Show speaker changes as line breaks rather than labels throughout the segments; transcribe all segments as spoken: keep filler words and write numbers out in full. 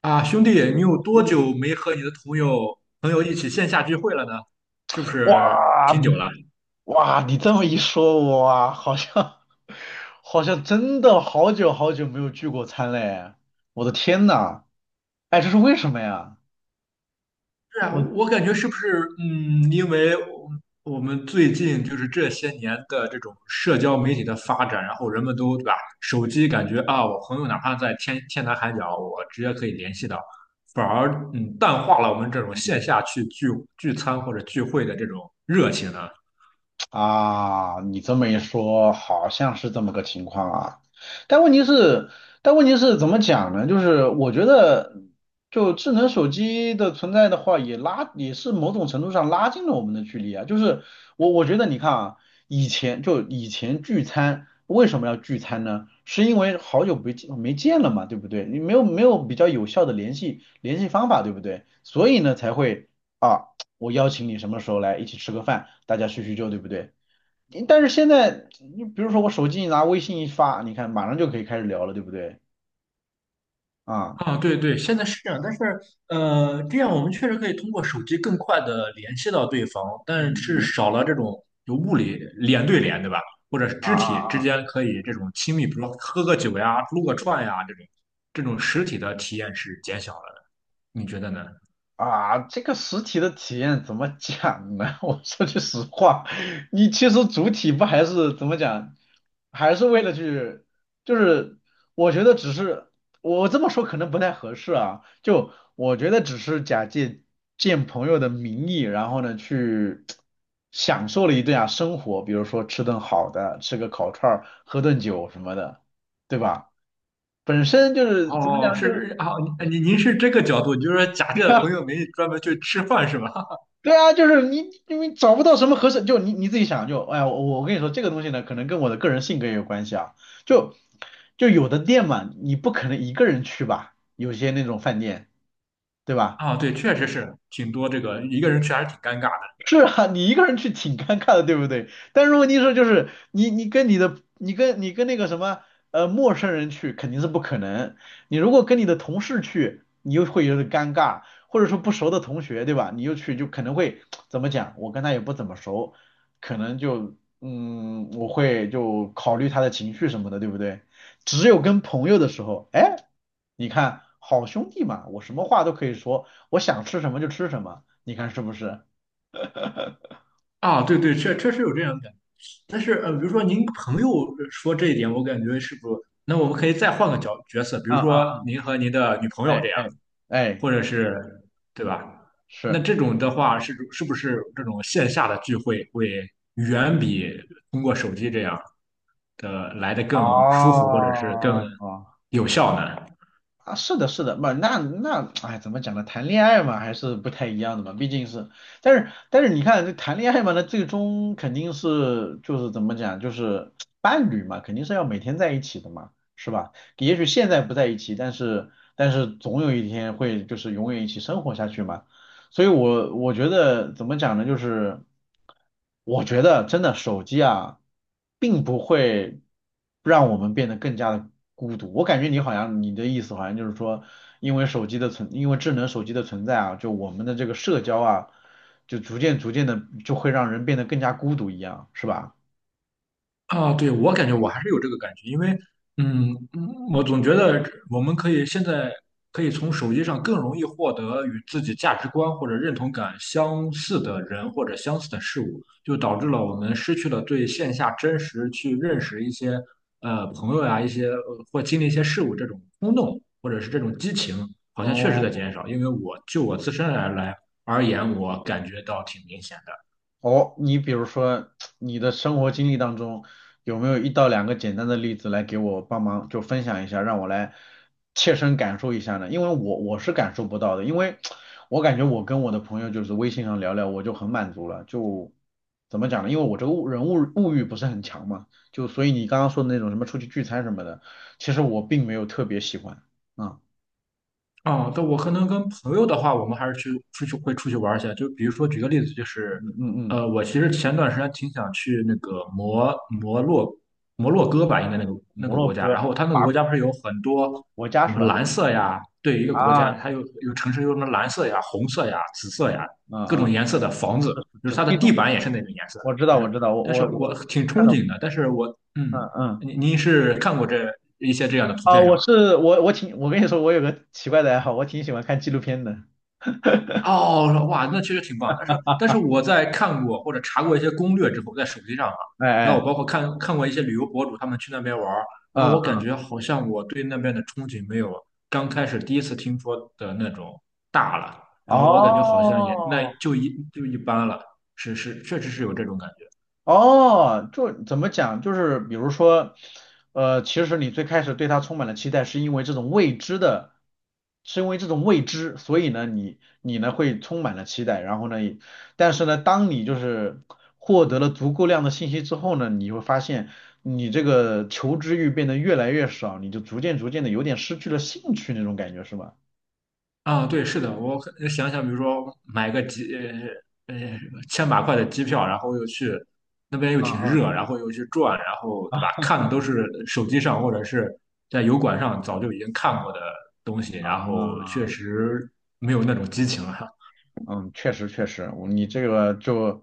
啊，兄弟，你有多
嗯，
久没和你的朋友朋友一起线下聚会了呢？是不是
哇，
挺久
你
了？
哇，你这么一说，我好像 好像真的好久好久没有聚过餐嘞！我的天呐，哎，这是为什么呀？
是啊，
我。
我感觉是不是嗯，因为我我们最近就是这些年的这种社交媒体的发展，然后人们都对吧，手机感觉啊，我朋友哪怕在天天南海角，我直接可以联系到，反而嗯淡化了我们这种线下去聚聚餐或者聚会的这种热情呢？
啊，你这么一说，好像是这么个情况啊。但问题是，但问题是怎么讲呢？就是我觉得，就智能手机的存在的话，也拉也是某种程度上拉近了我们的距离啊。就是我我觉得你看啊，以前就以前聚餐为什么要聚餐呢？是因为好久不见没见了嘛，对不对？你没有没有比较有效的联系联系方法，对不对？所以呢才会。啊。我邀请你什么时候来一起吃个饭，大家叙叙旧，对不对？你但是现在，你比如说我手机一拿，微信一发，你看马上就可以开始聊了，对不对？啊，
啊，对对，现在是这样，但是呃，这样我们确实可以通过手机更快的联系到对方，但
嗯
是
嗯
少了这种有物理脸对脸，对吧？或者是肢
啊。
体之间可以这种亲密，比如说喝个酒呀、撸个串呀这种，这种实体的体验是减小了的，你觉得呢？
啊，这个实体的体验怎么讲呢？我说句实话，你其实主体不还是怎么讲，还是为了去，就是我觉得只是我这么说可能不太合适啊，就我觉得只是假借见朋友的名义，然后呢去享受了一顿啊生活，比如说吃顿好的，吃个烤串儿，喝顿酒什么的，对吧？本身就是怎么
哦，
讲，就是
是啊，您您您是这个角度，就是说假借朋 友名义专门去吃饭是吧？
对啊，就是你，因为找不到什么合适，就你你自己想，就哎呀，我我跟你说，这个东西呢，可能跟我的个人性格也有关系啊。就就有的店嘛，你不可能一个人去吧，有些那种饭店，对 吧？
啊，对，确实是挺多这个一个人去还是挺尴尬的。
是啊，你一个人去挺尴尬的，对不对？但是问题是，就是你你跟你的你跟你跟那个什么呃陌生人去肯定是不可能。你如果跟你的同事去，你又会有点尴尬，或者说不熟的同学，对吧？你又去就可能会 怎么讲？我跟他也不怎么熟，可能就嗯我会就考虑他的情绪什么的，对不对？只有跟朋友的时候，哎，你看好兄弟嘛，我什么话都可以说，我想吃什么就吃什么，你看是不是？
啊，对对，确确实有这样的。但是呃，比如说您朋友说这一点，我感觉是不，那我们可以再换个角角色，比如
啊
说
啊
您和您的女朋友
哎
这样，
哎哎，
或者是对吧？那
是
这种的话是是不是这种线下的聚会会远比通过手机这样的来的更舒服，或者是更
哦
有效呢？
啊，是的，是的，不，那那，哎，怎么讲呢？谈恋爱嘛，还是不太一样的嘛，毕竟是，但是但是你看，这谈恋爱嘛，那最终肯定是就是怎么讲，就是伴侣嘛，肯定是要每天在一起的嘛，是吧？也许现在不在一起，但是但是总有一天会就是永远一起生活下去嘛。所以我我觉得怎么讲呢，就是我觉得真的手机啊，并不会让我们变得更加的孤独。我感觉你好像你的意思好像就是说，因为手机的存，因为智能手机的存在啊，就我们的这个社交啊，就逐渐逐渐的就会让人变得更加孤独一样，是吧？
啊，对，我感觉我还是有这个感觉，因为，嗯，嗯我总觉得我们可以现在可以从手机上更容易获得与自己价值观或者认同感相似的人或者相似的事物，就导致了我们失去了对线下真实去认识一些呃朋友呀、一些呃或经历一些事物这种冲动或者是这种激情，好像确实
哦，
在减少。因为我就我自身而来而言，我感觉到挺明显的。
哦，你比如说你的生活经历当中，有没有一到两个简单的例子来给我帮忙就分享一下，让我来切身感受一下呢？因为我我是感受不到的，因为我感觉我跟我的朋友就是微信上聊聊，我就很满足了，就怎么讲呢？因为我这个物人物物欲不是很强嘛，就所以你刚刚说的那种什么出去聚餐什么的，其实我并没有特别喜欢。啊，
哦，但我可能跟朋友的话，我们还是去出去会出去玩儿一下。就比如说，举个例子，就是，
嗯嗯嗯，
呃，我其实前段时间挺想去那个摩摩洛摩洛哥吧，应该那个那
摩
个
洛
国家。
哥，
然后它那个国
法
家不是有很多
国家
什
是
么
吧？
蓝色呀，对，一个国
啊，啊
家它有有城市有什么蓝色呀、红色呀、紫色呀各
啊，
种颜色的房子，
这
就是
这
它的
地
地
中。
板也是那种颜色的，
我知
就
道，
是。
我知道，我
但是
我
我
我
挺憧
看到，
憬的，但是我
嗯
嗯，
嗯，
您您是看过这一些这样的图
啊，
片是
我
吗？
是我我挺，我跟你说，我有个奇怪的爱好，我挺喜欢看纪录片的，
哦，哇，那确实挺棒。但是，但是我在看过或者查过一些攻略之后，在手机上啊，
哎
然后
哎，
我包括看看过一些旅游博主他们去那边玩儿，然后
嗯，
我感
嗯
觉好像我对那边的憧憬没有刚开始第一次听说的那种大了。然后我感觉好像也那
哦，
就一就一般了，是是，确实是有这种感觉。
哦，就怎么讲？就是比如说，呃，其实你最开始对它充满了期待，是因为这种未知的，是因为这种未知，所以呢，你你呢会充满了期待，然后呢也但是呢，当你就是获得了足够量的信息之后呢，你会发现你这个求知欲变得越来越少，你就逐渐逐渐的有点失去了兴趣那种感觉，是吧？
啊，对，是的，我可想想，比如说买个机，呃呃千把块的机票，然后又去那边又
嗯
挺
嗯
热，然后又去转，然后对吧？
啊
看的都是手机上或者是在油管上早就已经看过的东西，然后确
啊。
实没有那种激情了。
嗯，确实确实，我你这个就，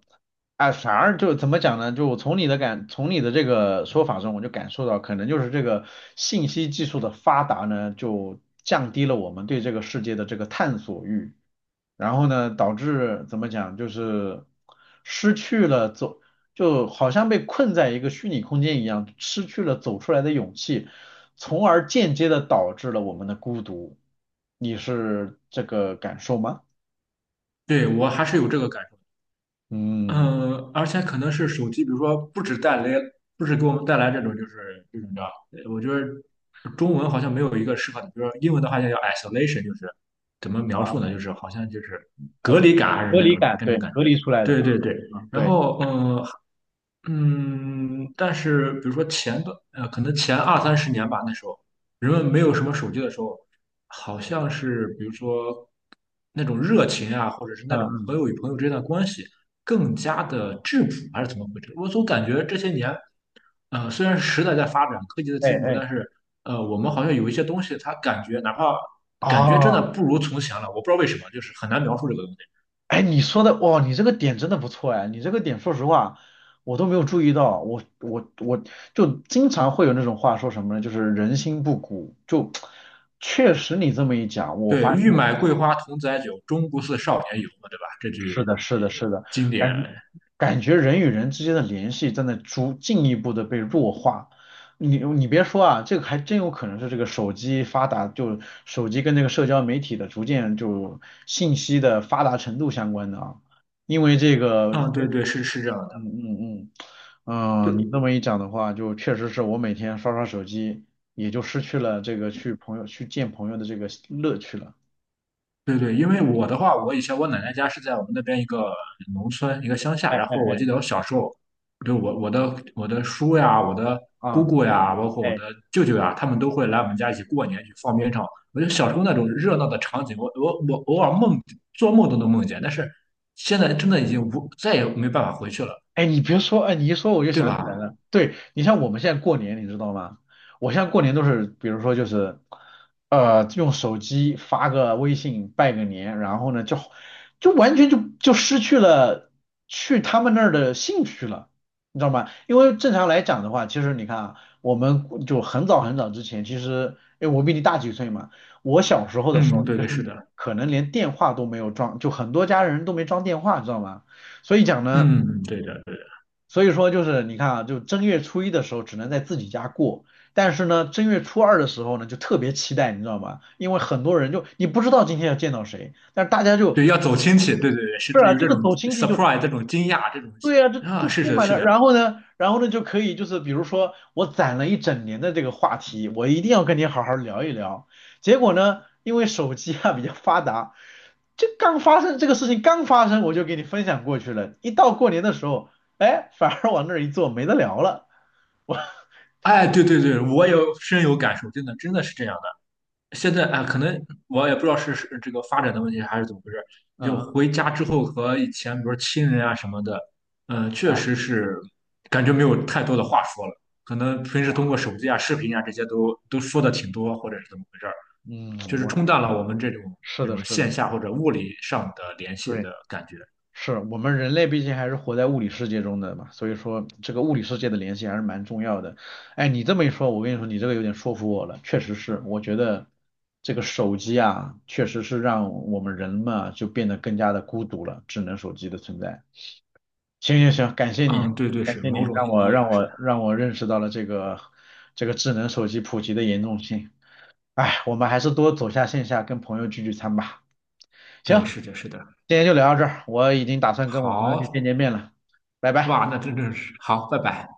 啊，反而就怎么讲呢？就我从你的感，从你的这个说法中，我就感受到，可能就是这个信息技术的发达呢，就降低了我们对这个世界的这个探索欲，然后呢，导致怎么讲，就是失去了走，就好像被困在一个虚拟空间一样，失去了走出来的勇气，从而间接的导致了我们的孤独。你是这个感受吗？
对，我还是有这个感受。
嗯。
嗯，而且可能是手机，比如说不止带来，不止给我们带来这种就是这种叫，呃我觉得中文好像没有一个适合的，比如说英文的话叫叫 isolation，就是怎么描述
啊，
呢？就是好像就是
呃，
隔离感还是
隔
那
离
种
感，
那种
对，
感
隔
觉。
离出来的啊，
对对对。
啊，
然
对，
后，嗯、嗯，但是比如说前段，呃，可能前二三十年吧，那时候人们没有什么手机的时候，好像是比如说那种热情啊，或者是
嗯
那种朋
嗯，
友与朋友之间的关系更加的质朴，还是怎么回事？我总感觉这些年，呃，虽然时代在发展，科技的
哎
进步，
哎，
但是呃，我们好像有一些东西，它感觉哪怕感觉真的
哦，
不如从前了，我不知道为什么，就是很难描述这个东西。
哎，你说的，哇，你这个点真的不错哎，你这个点，说实话，我都没有注意到，我我我就经常会有那种话说什么呢，就是人心不古，就确实你这么一讲，我发
对，欲
现。
买桂花同载酒，终不似少年游嘛，对吧？这
是
句
的，是
呃
的，是的，
经典，
感觉感觉人与人之间的联系正在逐进一步的被弱化。你你别说啊，这个还真有可能是这个手机发达，就手机跟这个社交媒体的逐渐就信息的发达程度相关的啊。因为这个，
嗯，对
嗯
对，是是这样的，
嗯嗯嗯，你这
对
么一讲的话，就确实是我每天刷刷手机，也就失去了这个去朋友去见朋友的这个乐趣了。
对对，因为我的话，我以前我奶奶家是在我们那边一个农村一个乡下，
哎
然后
哎
我记得我小时候，对我我的我的叔呀，我的姑
啊，
姑呀，包括我
哎。
的舅舅呀，他们都会来我们家一起过年去放鞭炮。我觉得小时候那种热闹的场景，我我我偶尔梦做梦都能梦见，但是现在真的已经无再也没办法回去了，
哎，你别说，哎，你一说我就
对
想起来
吧？
了。对，你像我们现在过年，你知道吗？我现在过年都是，比如说就是，呃，用手机发个微信拜个年，然后呢，就就完全就就失去了去他们那儿的兴趣了，你知道吗？因为正常来讲的话，其实你看啊，我们就很早很早之前，其实，哎，我比你大几岁嘛，我小时候的时
嗯，
候，
对
就
对，
是
是的。
可能连电话都没有装，就很多家人都没装电话，知道吗？所以讲呢。
嗯，嗯对的，对的，
所以说就是你看啊，就正月初一的时候只能在自己家过，但是呢，正月初二的时候呢，就特别期待，你知道吗？因为很多人就你不知道今天要见到谁，但是大家就
对，要走亲戚，对对对，是
是啊，
有
这
这
个
种
走亲戚就
surprise，这种惊讶，这种
对啊，就
啊，
就
是
充
的，
满
是
了，然
的，
后呢，然后呢就可以就是比如说我攒了一整年的这个话题，我一定要跟你好好聊一聊。结果呢，因为手机啊比较发达，这刚发生这个事情刚发生，我就给你分享过去了，一到过年的时候，哎，反而往那儿一坐没得聊了。我
哎，对对对，我有深有感受，真的真的是这样的。现在啊，可能我也不知道是是这个发展的问题还是怎么回事，
嗯
就
嗯，
回家之后和以前，比如说亲人啊什么的，嗯、
啊
确实是感觉没有太多的话说了，可能平时通过手机啊、视频啊这些都都说的挺多，或者是怎么回事儿，就
嗯，
是
我
冲淡了我们这种
是
这
的，
种
是
线
的，
下或者物理上的联系
对，
的感觉。
是我们人类毕竟还是活在物理世界中的嘛，所以说这个物理世界的联系还是蛮重要的。哎，你这么一说，我跟你说，你这个有点说服我了，确实是，我觉得这个手机啊，确实是让我们人嘛就变得更加的孤独了，智能手机的存在。行行行，感谢你，
嗯，对对，
感
是
谢你，
某种
让
意
我
义
让
上是的，
我让我认识到了这个这个智能手机普及的严重性。哎，我们还是多走下线下，跟朋友聚聚餐吧。行，
对，是的，是的。
今天就聊到这儿，我已经打算跟我朋友去见
好，
见面了，拜拜。
哇，那真正是好，拜拜。